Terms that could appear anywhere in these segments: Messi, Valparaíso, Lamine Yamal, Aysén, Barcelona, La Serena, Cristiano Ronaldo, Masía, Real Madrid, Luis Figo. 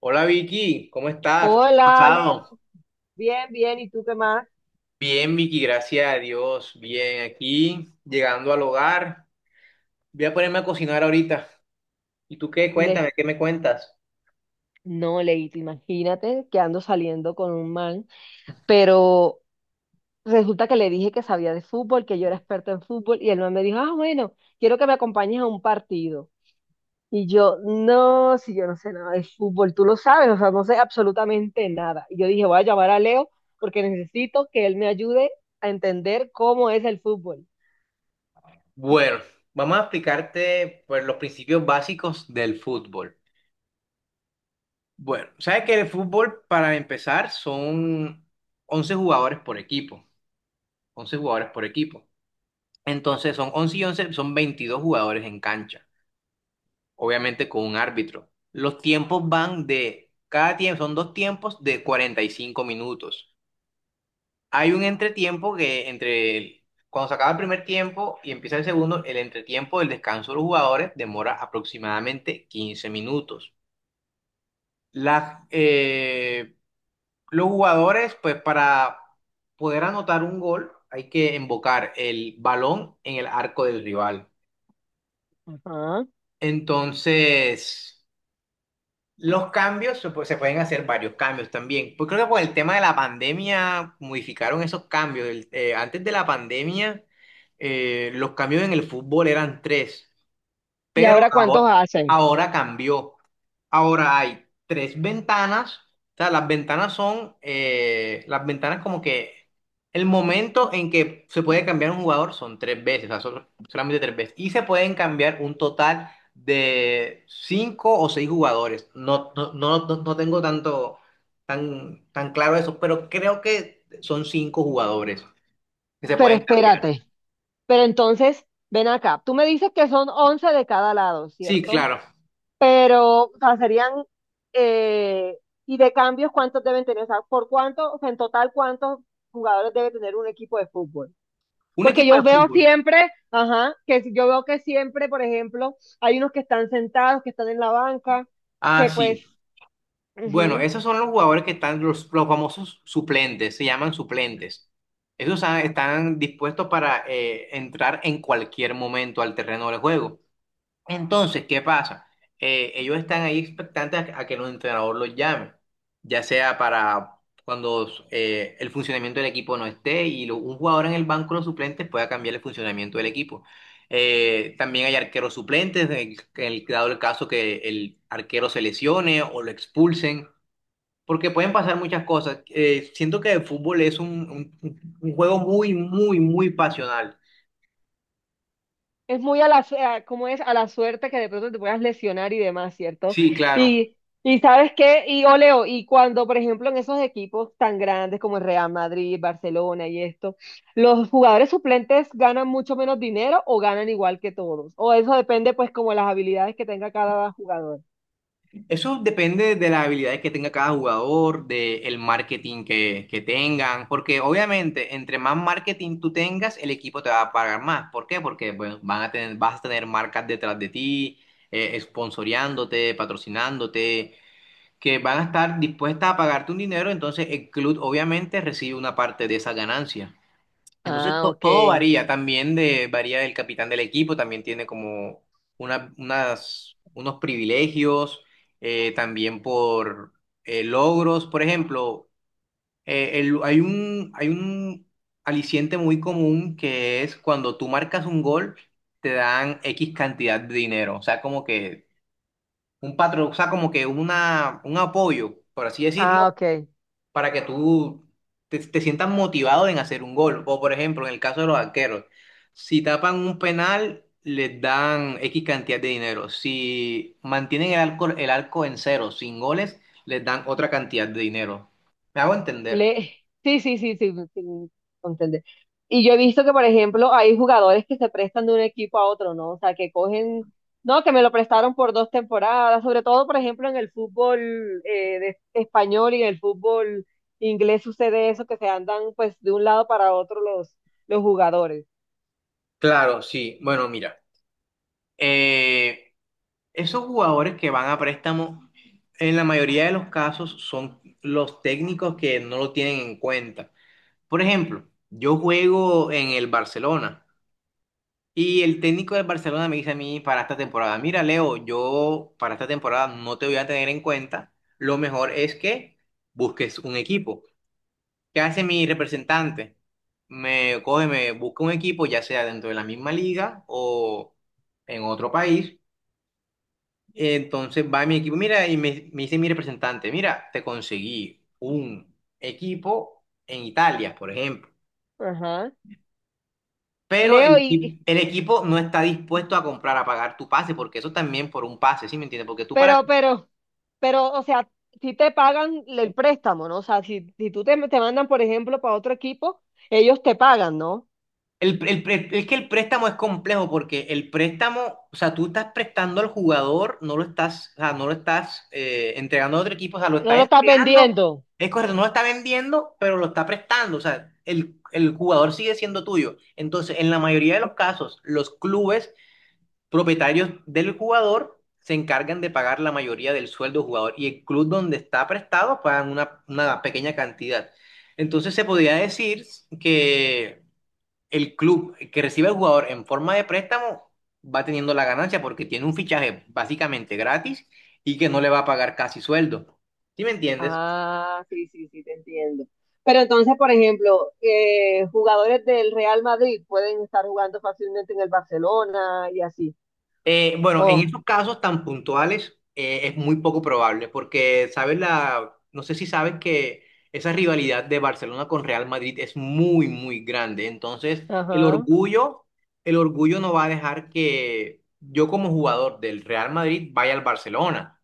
Hola Vicky, ¿cómo estás? ¿Cómo has Hola, Leo. pasado? Bien, bien. ¿Y tú qué más? Bien Vicky, gracias a Dios. Bien, aquí llegando al hogar. Voy a ponerme a cocinar ahorita. ¿Y tú qué? Le, Cuéntame, ¿qué me cuentas? no, Leito, imagínate que ando saliendo con un man, pero resulta que le dije que sabía de fútbol, que yo era experta en fútbol, y el man me dijo, ah, bueno, quiero que me acompañes a un partido. Y yo, no, si yo no sé nada de fútbol, tú lo sabes, o sea, no sé absolutamente nada. Y yo dije, voy a llamar a Leo porque necesito que él me ayude a entender cómo es el fútbol. Bueno, vamos a explicarte pues, los principios básicos del fútbol. Bueno, sabes que el fútbol para empezar son 11 jugadores por equipo. 11 jugadores por equipo. Entonces son 11 y 11, son 22 jugadores en cancha, obviamente con un árbitro. Los tiempos van de, cada tiempo, son dos tiempos de 45 minutos. Hay un entretiempo que entre, cuando se acaba el primer tiempo y empieza el segundo, el entretiempo del descanso de los jugadores demora aproximadamente 15 minutos. Las, eh, los jugadores, pues para poder anotar un gol, hay que embocar el balón en el arco del rival. Ajá. Entonces... Los cambios, se pueden hacer varios cambios también. Pues creo que por el tema de la pandemia modificaron esos cambios. Antes de la pandemia, los cambios en el fútbol eran tres, ¿Y pero ahora cuántos ahora, hacen? ahora cambió. Ahora hay tres ventanas, o sea, las ventanas son, las ventanas como que el momento en que se puede cambiar un jugador son tres veces, o sea, son solamente tres veces, y se pueden cambiar un total de cinco o seis jugadores. No, no, no, no, no tengo tan claro eso, pero creo que son cinco jugadores que se Pero pueden cambiar. espérate. Pero entonces, ven acá, tú me dices que son 11 de cada lado, Sí, ¿cierto? claro. Pero, o sea, serían, eh, y de cambios, ¿cuántos deben tener? O sea, ¿por cuánto, o sea, en total, cuántos jugadores debe tener un equipo de fútbol? Un Porque equipo yo de veo fútbol. siempre, ajá, que si- yo veo que siempre, por ejemplo, hay unos que están sentados, que están en la banca, Ah, que pues, sí. Bueno, ujú. esos son los jugadores que están, los famosos suplentes, se llaman suplentes. Esos ah, están dispuestos para entrar en cualquier momento al terreno del juego. Entonces, ¿qué pasa? Ellos están ahí expectantes a que el entrenador los llame, ya sea para cuando el funcionamiento del equipo no esté y un jugador en el banco de los suplentes pueda cambiar el funcionamiento del equipo. También hay arqueros suplentes, en el, dado el caso que el arquero se lesione o lo expulsen, porque pueden pasar muchas cosas. Siento que el fútbol es un, un juego muy, muy, muy pasional. Es muy a la, su- a- como es a la suerte que de pronto te puedas lesionar y demás, ¿cierto? Sí, claro. Y, y ¿sabes qué? Y Oleo, y cuando, por ejemplo, en esos equipos tan grandes como el Real Madrid, Barcelona y esto, ¿los jugadores suplentes ganan mucho menos dinero o ganan igual que todos? O eso depende, pues, como las habilidades que tenga cada jugador. Eso depende de las habilidades que tenga cada jugador, del marketing que tengan, porque obviamente entre más marketing tú tengas, el equipo te va a pagar más. ¿Por qué? Porque bueno, van a tener, vas a tener marcas detrás de ti, esponsoreándote, patrocinándote, que van a estar dispuestas a pagarte un dinero, entonces el club obviamente recibe una parte de esa ganancia. Entonces Ah, todo ok. varía también de, varía del capitán del equipo, también tiene como una- unas, unos privilegios, también por logros. Por ejemplo, hay un aliciente muy común que es cuando tú marcas un gol, te dan X cantidad de dinero. O sea, como que un patrón, o sea, como que una, un apoyo, por así Ah, decirlo, ok. para que tú te, te sientas motivado en hacer un gol. O por ejemplo, en el caso de los arqueros, si tapan un penal, les dan X cantidad de dinero. Si mantienen el arco en cero, sin goles, les dan otra cantidad de dinero. ¿Me hago entender? Le... Sí, sí, sí, sí, sí, entender. Y yo he visto que, por ejemplo, hay jugadores que se prestan de un equipo a otro, ¿no? O sea, que cogen, no, que me lo prestaron por 2 temporadas, sobre todo, por ejemplo, en el fútbol español y en el fútbol inglés sucede eso, que se andan pues de un lado para otro los, jugadores. Claro, sí. Bueno, mira, eh, esos jugadores que van a préstamo, en la mayoría de los casos son los técnicos que no lo tienen en cuenta. Por ejemplo, yo juego en el Barcelona. Y el técnico del Barcelona me dice a mí para esta temporada, mira Leo, yo para esta temporada no te voy a tener en cuenta, lo mejor es que busques un equipo. ¿Qué hace mi representante? Me coge, me busca un equipo, ya sea dentro de la misma liga o en otro país. Entonces va mi equipo, mira, y me dice mi representante, mira, te conseguí un equipo en Italia, por ejemplo. Ajá. Pero Leo, el equipo no está dispuesto a comprar, a pagar tu pase, porque eso también por un pase, ¿sí me entiendes? Porque tú para... pero, pero, pero, o sea, si te pagan el préstamo, ¿no? O sea, si tú te mandan, por ejemplo, para otro equipo, ellos te pagan, ¿no? Es que el préstamo es complejo, porque el préstamo, o sea, tú estás prestando al jugador, no lo estás, o sea, no lo estás entregando a otro equipo, o sea, lo No estás lo estás entregando, vendiendo. es correcto, no lo está vendiendo, pero lo está prestando, o sea, el jugador sigue siendo tuyo. Entonces, en la mayoría de los casos, los clubes propietarios del jugador se encargan de pagar la mayoría del sueldo del jugador y el club donde está prestado pagan una pequeña cantidad. Entonces se podría decir que el club que recibe al jugador en forma de préstamo va teniendo la ganancia porque tiene un fichaje básicamente gratis y que no le va a pagar casi sueldo. ¿Sí me entiendes? Ah, sí, sí, sí, te entiendo. Pero entonces, por ejemplo, jugadores del Real Madrid pueden estar jugando fácilmente en el Barcelona y así. Bueno, en Oh, esos casos tan puntuales es muy poco probable, porque sabes la, no sé si sabes que esa rivalidad de Barcelona con Real Madrid es muy, muy grande. Entonces, ajá. El orgullo no va a dejar que yo como jugador del Real Madrid vaya al Barcelona,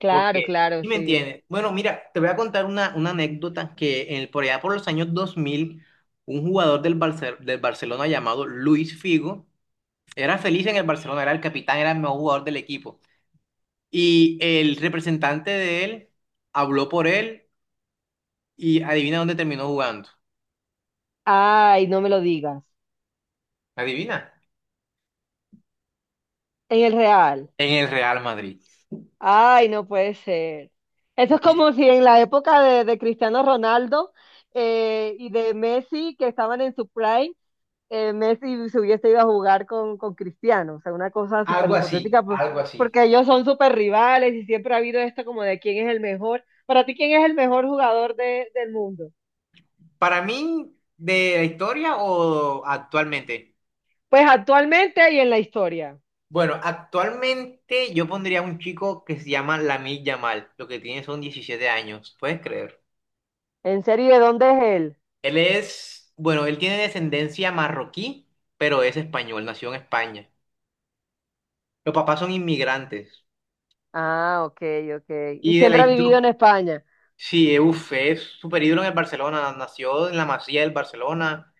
Claro, porque, claro, ¿sí me sí. entiendes? Bueno, mira, te voy a contar una anécdota que en, por allá por los años 2000, un jugador del, del Barcelona llamado Luis Figo era feliz en el Barcelona, era el capitán, era el mejor jugador del equipo. Y el representante de él habló por él y adivina dónde terminó jugando. Ay, no me lo digas. ¿Adivina? En el Real. En el Real Madrid. Ay, no puede ser. Eso es como si en la época de Cristiano Ronaldo y de Messi, que estaban en su prime, Messi se hubiese ido a jugar con Cristiano, o sea, una cosa súper Algo así, hipotética. Algo así. Porque ellos son súper rivales y siempre ha habido esto como de quién es el mejor. Para ti, ¿quién es el mejor jugador del mundo? Para mí, ¿de la historia o actualmente? Pues actualmente y en la historia. Bueno, actualmente yo pondría a un chico que se llama Lamine Yamal. Lo que tiene son 17 años, ¿puedes creer? ¿En serio? ¿Y de dónde es él? Él es, bueno, él tiene descendencia marroquí, pero es español, nació en España. Los papás son inmigrantes. Ah, ok, ok. Y Y de la siempre ha vivido en historia, España. sí, uf, es super ídolo en el Barcelona. Nació en la Masía del Barcelona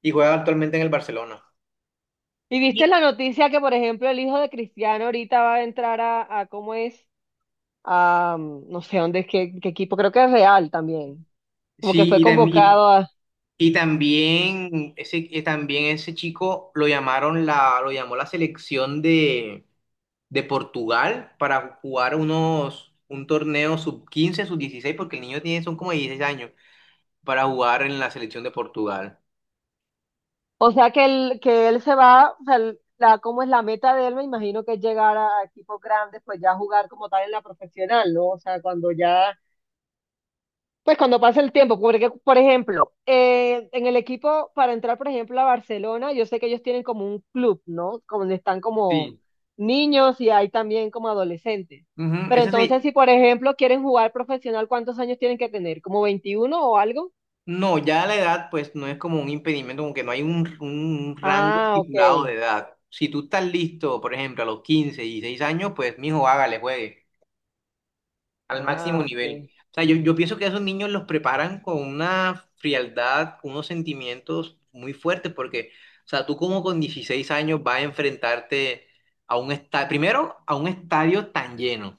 y juega actualmente en el Barcelona. ¿Y Y- viste la noticia que, por ejemplo, el hijo de Cristiano ahorita va a entrar a ¿cómo es? No sé dónde es, qué equipo, creo que es Real también. Como que Sí, fue y, tam- y- convocado a. Y también ese chico lo llamaron la, lo llamó la selección de Portugal para jugar unos, un torneo sub 15 sub 16 porque el niño tiene, son como 16 años, para jugar en la selección de Portugal. O sea que él se va, o sea, cómo es la meta de él, me imagino que es llegar a equipos grandes, pues ya jugar como tal en la profesional, ¿no? O sea, cuando ya, pues cuando pase el tiempo, porque, por ejemplo, en el equipo, para entrar, por ejemplo, a Barcelona, yo sé que ellos tienen como un club, ¿no? Como donde están como Sí. niños y hay también como adolescentes. Ujú, Pero Ese, entonces, si se- por ejemplo quieren jugar profesional, ¿cuántos años tienen que tener? ¿Como 21 o algo? No, ya la edad pues no es como un impedimento, como que no hay un rango Ah, estipulado de ok. edad. Si tú estás listo, por ejemplo, a los 15 y 6 años, pues mijo, hágale, juegue al máximo Ah, nivel. ok. O sea, yo pienso que a esos niños los preparan con una frialdad, unos sentimientos muy fuertes, porque, o sea, tú como con 16 años vas a enfrentarte a un estadio, primero a un estadio tan lleno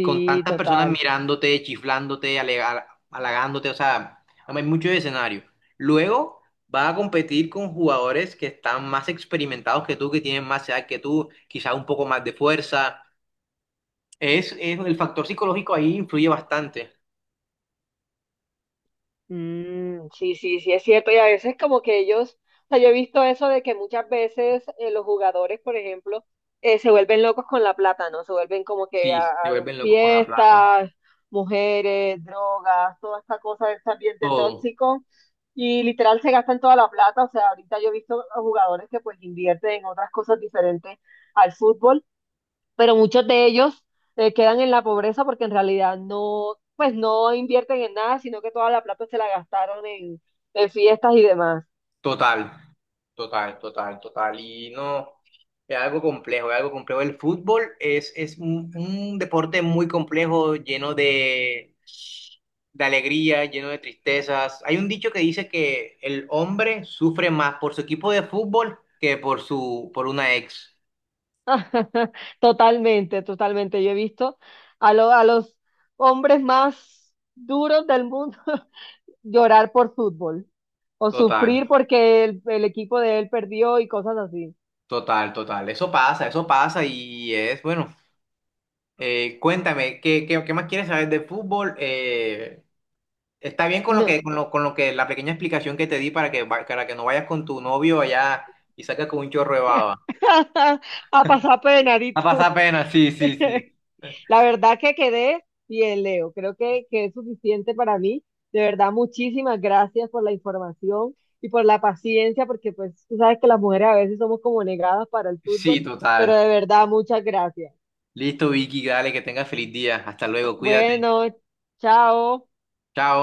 con tantas personas total. mirándote, chiflándote, halagándote, o sea, hay mucho escenario. Luego vas a competir con jugadores que están más experimentados que tú, que tienen más edad que tú, quizás un poco más de fuerza. Es el factor psicológico ahí influye bastante. Mm, sí, sí, sí, es cierto. Y a veces como que ellos, o sea, yo he visto eso de que muchas veces los jugadores, por ejemplo, se vuelven locos con la plata, ¿no? Se vuelven como que a, Sí, se a vuelven locos con la plata. fiestas, mujeres, drogas, toda esta cosa de este ambiente Todo, tóxico. Y literal se gastan toda la plata. O sea, ahorita yo he visto a jugadores que pues invierten en otras cosas diferentes al fútbol, pero muchos de ellos quedan en la pobreza porque en realidad no, pues no invierten en nada, sino que toda la plata se la gastaron en fiestas y demás. total. Total, total, total. Y no, es algo complejo, es algo complejo. El fútbol es un deporte muy complejo, lleno de alegría, lleno de tristezas. Hay un dicho que dice que el hombre sufre más por su equipo de fútbol que por su, por una ex. Totalmente, totalmente. Yo he visto a los hombres más duros del mundo llorar por fútbol o Total, sufrir porque el equipo de él perdió y cosas así. total, total. Eso pasa y es, bueno, cuéntame, ¿qué, qué, qué más quieres saber de fútbol? Está bien No, con lo que, la pequeña explicación que te di para que, para que no vayas con tu novio allá y saques con un chorro de baba. a pasar pena, ¿y A tú? pasar pena, sí, sí, sí. La verdad que quedé bien, Leo. Creo que es suficiente para mí. De verdad, muchísimas gracias por la información y por la paciencia, porque pues tú sabes que las mujeres a veces somos como negadas para el Sí, fútbol, pero total. de verdad, muchas gracias. Listo, Vicky, dale, que tengas feliz día. Hasta luego, cuídate. Bueno, chao. Chao.